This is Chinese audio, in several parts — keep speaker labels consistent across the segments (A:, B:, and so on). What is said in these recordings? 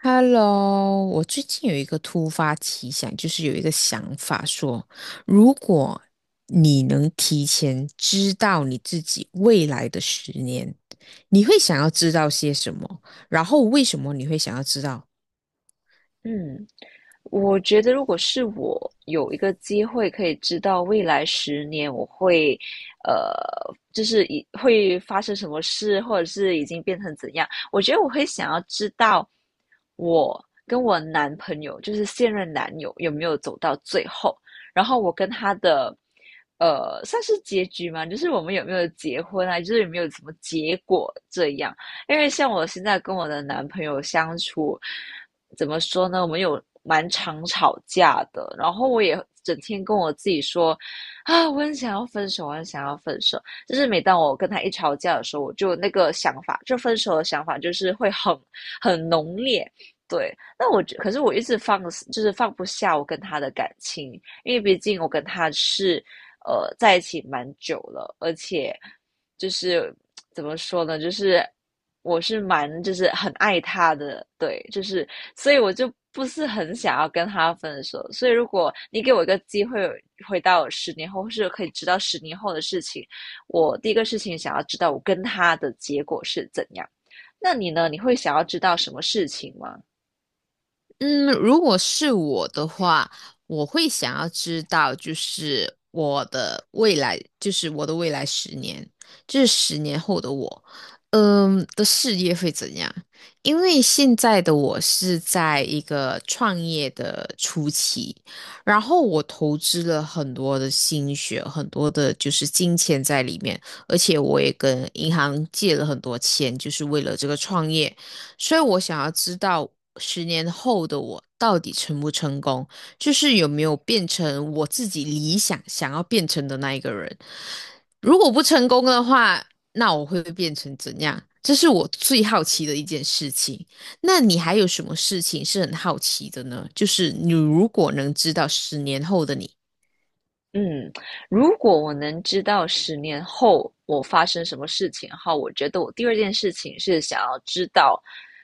A: Hello，我最近有一个突发奇想，就是有一个想法说，如果你能提前知道你自己未来的十年，你会想要知道些什么？然后为什么你会想要知道？
B: 嗯，我觉得如果是我有一个机会可以知道未来十年我会，呃，就是以会发生什么事，或者是已经变成怎样，我觉得我会想要知道我跟我男朋友，就是现任男友有没有走到最后，然后我跟他的，算是结局嘛，就是我们有没有结婚啊，就是有没有什么结果这样，因为像我现在跟我的男朋友相处。怎么说呢？我们有蛮常吵架的，然后我也整天跟我自己说，啊，我很想要分手，我很想要分手。就是每当我跟他一吵架的时候，我就那个想法，就分手的想法，就是会很浓烈。对，那可是我一直放，就是放不下我跟他的感情，因为毕竟我跟他是在一起蛮久了，而且就是怎么说呢？就是我是蛮就是很爱他的，对，就是所以我就不是很想要跟他分手。所以如果你给我一个机会回到十年后，或是可以知道十年后的事情，我第一个事情想要知道我跟他的结果是怎样。那你呢？你会想要知道什么事情吗？
A: 嗯，如果是我的话，我会想要知道，就是我的未来，就是我的未来十年，就是十年后的我，的事业会怎样？因为现在的我是在一个创业的初期，然后我投资了很多的心血，很多的就是金钱在里面，而且我也跟银行借了很多钱，就是为了这个创业。所以我想要知道十年后的我到底成不成功，就是有没有变成我自己理想想要变成的那一个人。如果不成功的话，那我会变成怎样？这是我最好奇的一件事情。那你还有什么事情是很好奇的呢？就是你如果能知道十年后的你，
B: 嗯，如果我能知道十年后我发生什么事情的话我觉得我第二件事情是想要知道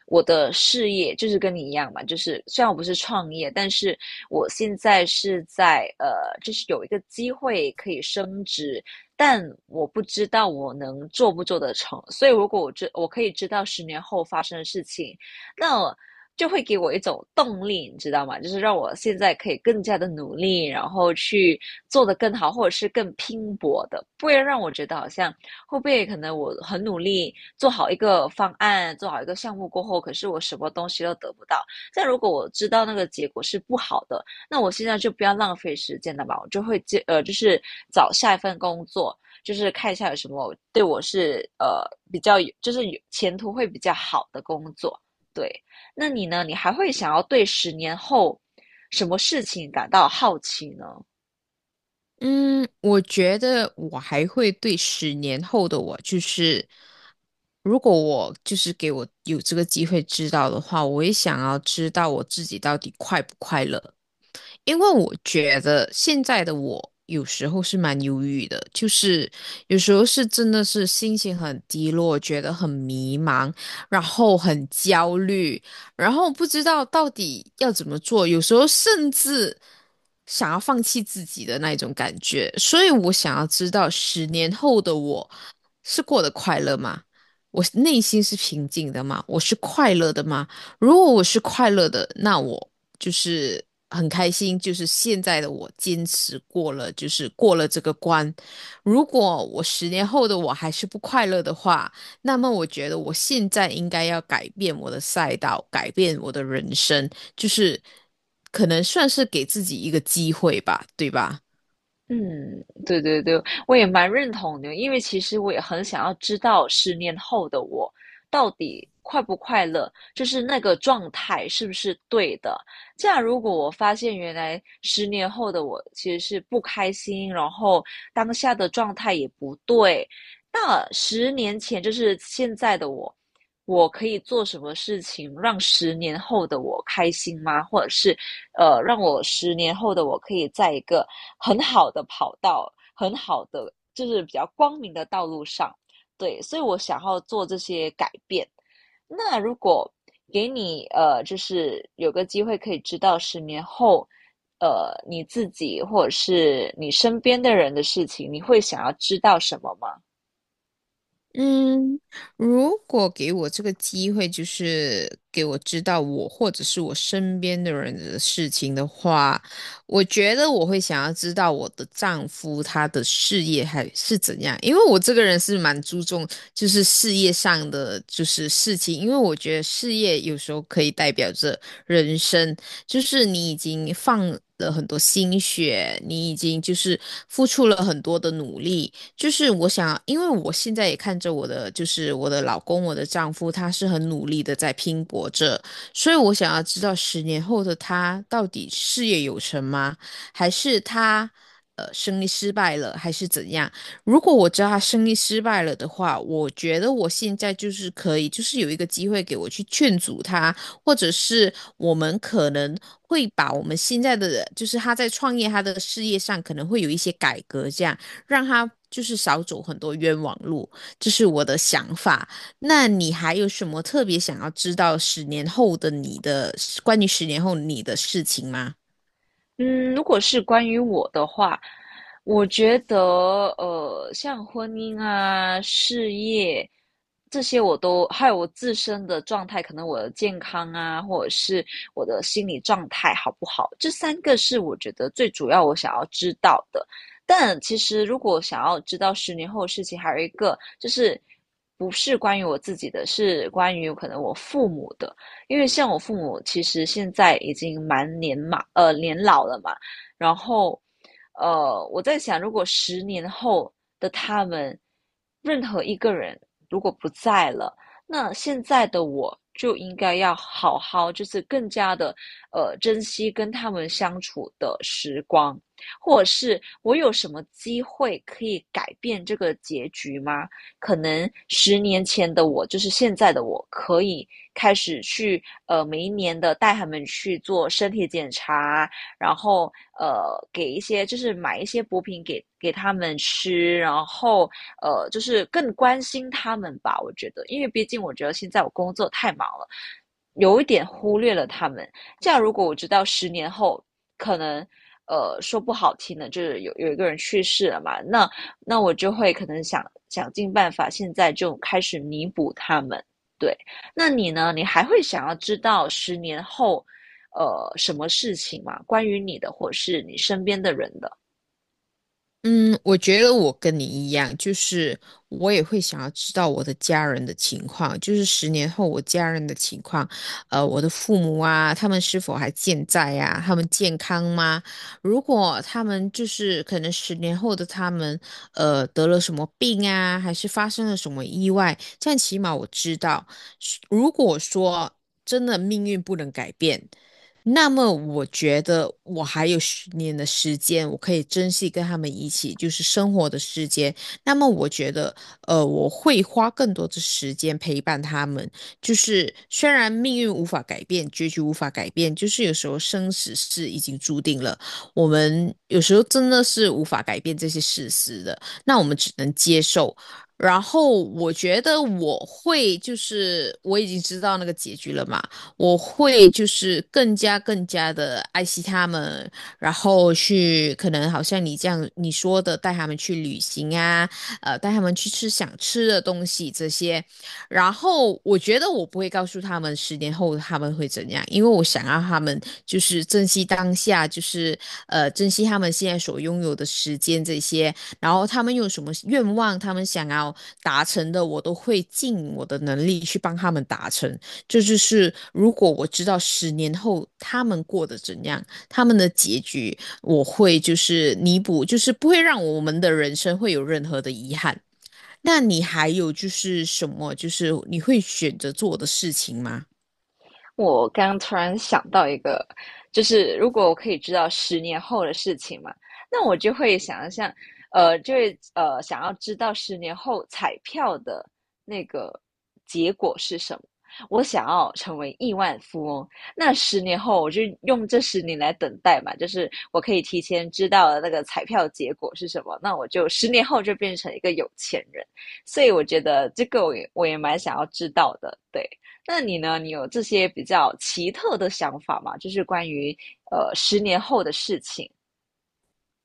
B: 我的事业，就是跟你一样嘛，就是虽然我不是创业，但是我现在是在就是有一个机会可以升职，但我不知道我能做不做得成，所以如果我可以知道十年后发生的事情，那就会给我一种动力，你知道吗？就是让我现在可以更加的努力，然后去做得更好，或者是更拼搏的，不会让我觉得好像会不会可能我很努力做好一个方案，做好一个项目过后，可是我什么东西都得不到。但如果我知道那个结果是不好的，那我现在就不要浪费时间了吧，我就会就是找下一份工作。就是看一下有什么对我是比较有，就是有前途会比较好的工作，对。那你呢？你还会想要对十年后什么事情感到好奇呢？
A: 嗯，我觉得我还会对十年后的我，就是如果我就是给我有这个机会知道的话，我也想要知道我自己到底快不快乐。因为我觉得现在的我有时候是蛮忧郁的，就是有时候是真的是心情很低落，觉得很迷茫，然后很焦虑，然后不知道到底要怎么做，有时候甚至想要放弃自己的那一种感觉。所以我想要知道，十年后的我是过得快乐吗？我内心是平静的吗？我是快乐的吗？如果我是快乐的，那我就是很开心，就是现在的我坚持过了，就是过了这个关。如果我十年后的我还是不快乐的话，那么我觉得我现在应该要改变我的赛道，改变我的人生，就是可能算是给自己一个机会吧，对吧？
B: 嗯，对对对，我也蛮认同的，因为其实我也很想要知道十年后的我到底快不快乐，就是那个状态是不是对的。这样，如果我发现原来十年后的我其实是不开心，然后当下的状态也不对，那十年前就是现在的我，我可以做什么事情让十年后的我开心吗？或者是让我十年后的我可以在一个很好的跑道、很好的就是比较光明的道路上。对，所以我想要做这些改变。那如果给你就是有个机会可以知道十年后，你自己或者是你身边的人的事情，你会想要知道什么吗？
A: 嗯，如果给我这个机会，就是给我知道我或者是我身边的人的事情的话，我觉得我会想要知道我的丈夫他的事业还是怎样，因为我这个人是蛮注重就是事业上的就是事情，因为我觉得事业有时候可以代表着人生，就是你已经放了很多心血，你已经就是付出了很多的努力。就是我想，因为我现在也看着我的，就是我的老公，我的丈夫，他是很努力的在拼搏着，所以我想要知道十年后的他到底事业有成吗？还是他生意失败了，还是怎样？如果我知道他生意失败了的话，我觉得我现在就是可以，就是有一个机会给我去劝阻他，或者是我们可能会把我们现在的，就是他在创业他的事业上可能会有一些改革，这样。让他就是少走很多冤枉路，这是我的想法。那你还有什么特别想要知道十年后的你的关于十年后你的事情吗？
B: 嗯，如果是关于我的话，我觉得像婚姻啊、事业这些，我都还有我自身的状态，可能我的健康啊，或者是我的心理状态好不好，这3个是我觉得最主要我想要知道的。但其实如果想要知道十年后的事情，还有一个就是不是关于我自己的，是关于可能我父母的。因为像我父母其实现在已经蛮年老了嘛然后，我在想，如果十年后的他们，任何一个人如果不在了，那现在的我就应该要好好，就是更加的，珍惜跟他们相处的时光，或者是我有什么机会可以改变这个结局吗？可能十年前的我，就是现在的我，可以开始去每一年的带他们去做身体检查，然后给一些就是买一些补品给他们吃，然后就是更关心他们吧。我觉得，因为毕竟我觉得现在我工作太忙了，有一点忽略了他们。这样如果我知道十年后可能。说不好听的，就是有一个人去世了嘛，那我就会可能想尽办法，现在就开始弥补他们。对，那你呢？你还会想要知道十年后，什么事情吗？关于你的，或是你身边的人的？
A: 嗯，我觉得我跟你一样，就是我也会想要知道我的家人的情况，就是十年后我家人的情况，我的父母啊，他们是否还健在呀、他们健康吗？如果他们就是可能十年后的他们，得了什么病啊，还是发生了什么意外，这样起码我知道。是如果说真的命运不能改变，那么我觉得我还有十年的时间，我可以珍惜跟他们一起就是生活的时间。那么我觉得，我会花更多的时间陪伴他们。就是虽然命运无法改变，结局无法改变，就是有时候生死是已经注定了，我们有时候真的是无法改变这些事实的，那我们只能接受。然后我觉得我会就是我已经知道那个结局了嘛。我会就是更加更加的爱惜他们，然后去可能好像你这样你说的，带他们去旅行啊，带他们去吃想吃的东西这些。然后我觉得我不会告诉他们十年后他们会怎样，因为我想让他们就是珍惜当下，就是珍惜他们现在所拥有的时间这些。然后他们有什么愿望，他们想要达成的，我都会尽我的能力去帮他们达成。这就是如果我知道十年后他们过得怎样，他们的结局，我会就是弥补，就是不会让我们的人生会有任何的遗憾。那你还有就是什么，就是你会选择做的事情吗？
B: 我刚突然想到一个，就是如果我可以知道十年后的事情嘛，那我就会想象，就会想要知道十年后彩票的那个结果是什么。我想要成为亿万富翁，那十年后我就用这十年来等待嘛，就是我可以提前知道那个彩票结果是什么，那我就十年后就变成一个有钱人。所以我觉得这个我也蛮想要知道的，对。那你呢？你有这些比较奇特的想法吗？就是关于十年后的事情。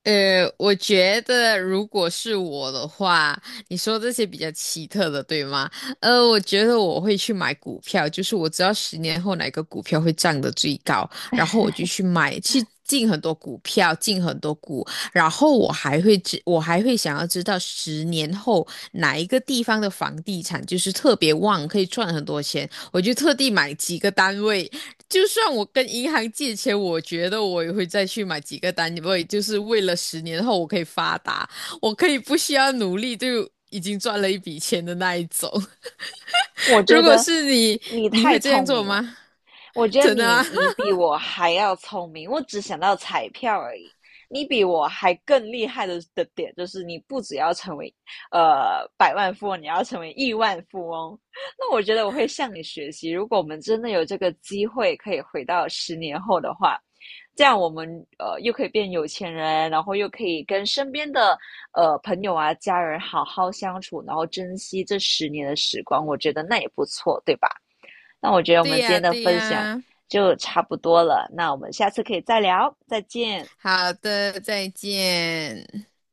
A: 我觉得如果是我的话，你说这些比较奇特的，对吗？我觉得我会去买股票，就是我知道十年后哪个股票会涨得最高，然后我就去买，去进很多股票，进很多股，然后我还会想要知道十年后哪一个地方的房地产就是特别旺，可以赚很多钱，我就特地买几个单位，就算我跟银行借钱，我觉得我也会再去买几个单位，因为就是为了十年后我可以发达，我可以不需要努力就已经赚了一笔钱的那一种。
B: 我
A: 如
B: 觉
A: 果
B: 得
A: 是你，
B: 你
A: 你
B: 太
A: 会这样
B: 聪
A: 做
B: 明了，
A: 吗？
B: 我觉得
A: 真的
B: 你
A: 啊？
B: 你 比我还要聪明，我只想到彩票而已。你比我还更厉害的点就是，你不只要成为百万富翁，你要成为亿万富翁。那我觉得我会向你学习。如果我们真的有这个机会可以回到十年后的话，这样我们又可以变有钱人，然后又可以跟身边的朋友啊、家人好好相处，然后珍惜这十年的时光。我觉得那也不错，对吧？那我觉得我
A: 对
B: 们今
A: 呀，
B: 天的
A: 对
B: 分享
A: 呀。
B: 就差不多了，那我们下次可以再聊，再见。
A: 好的，再见。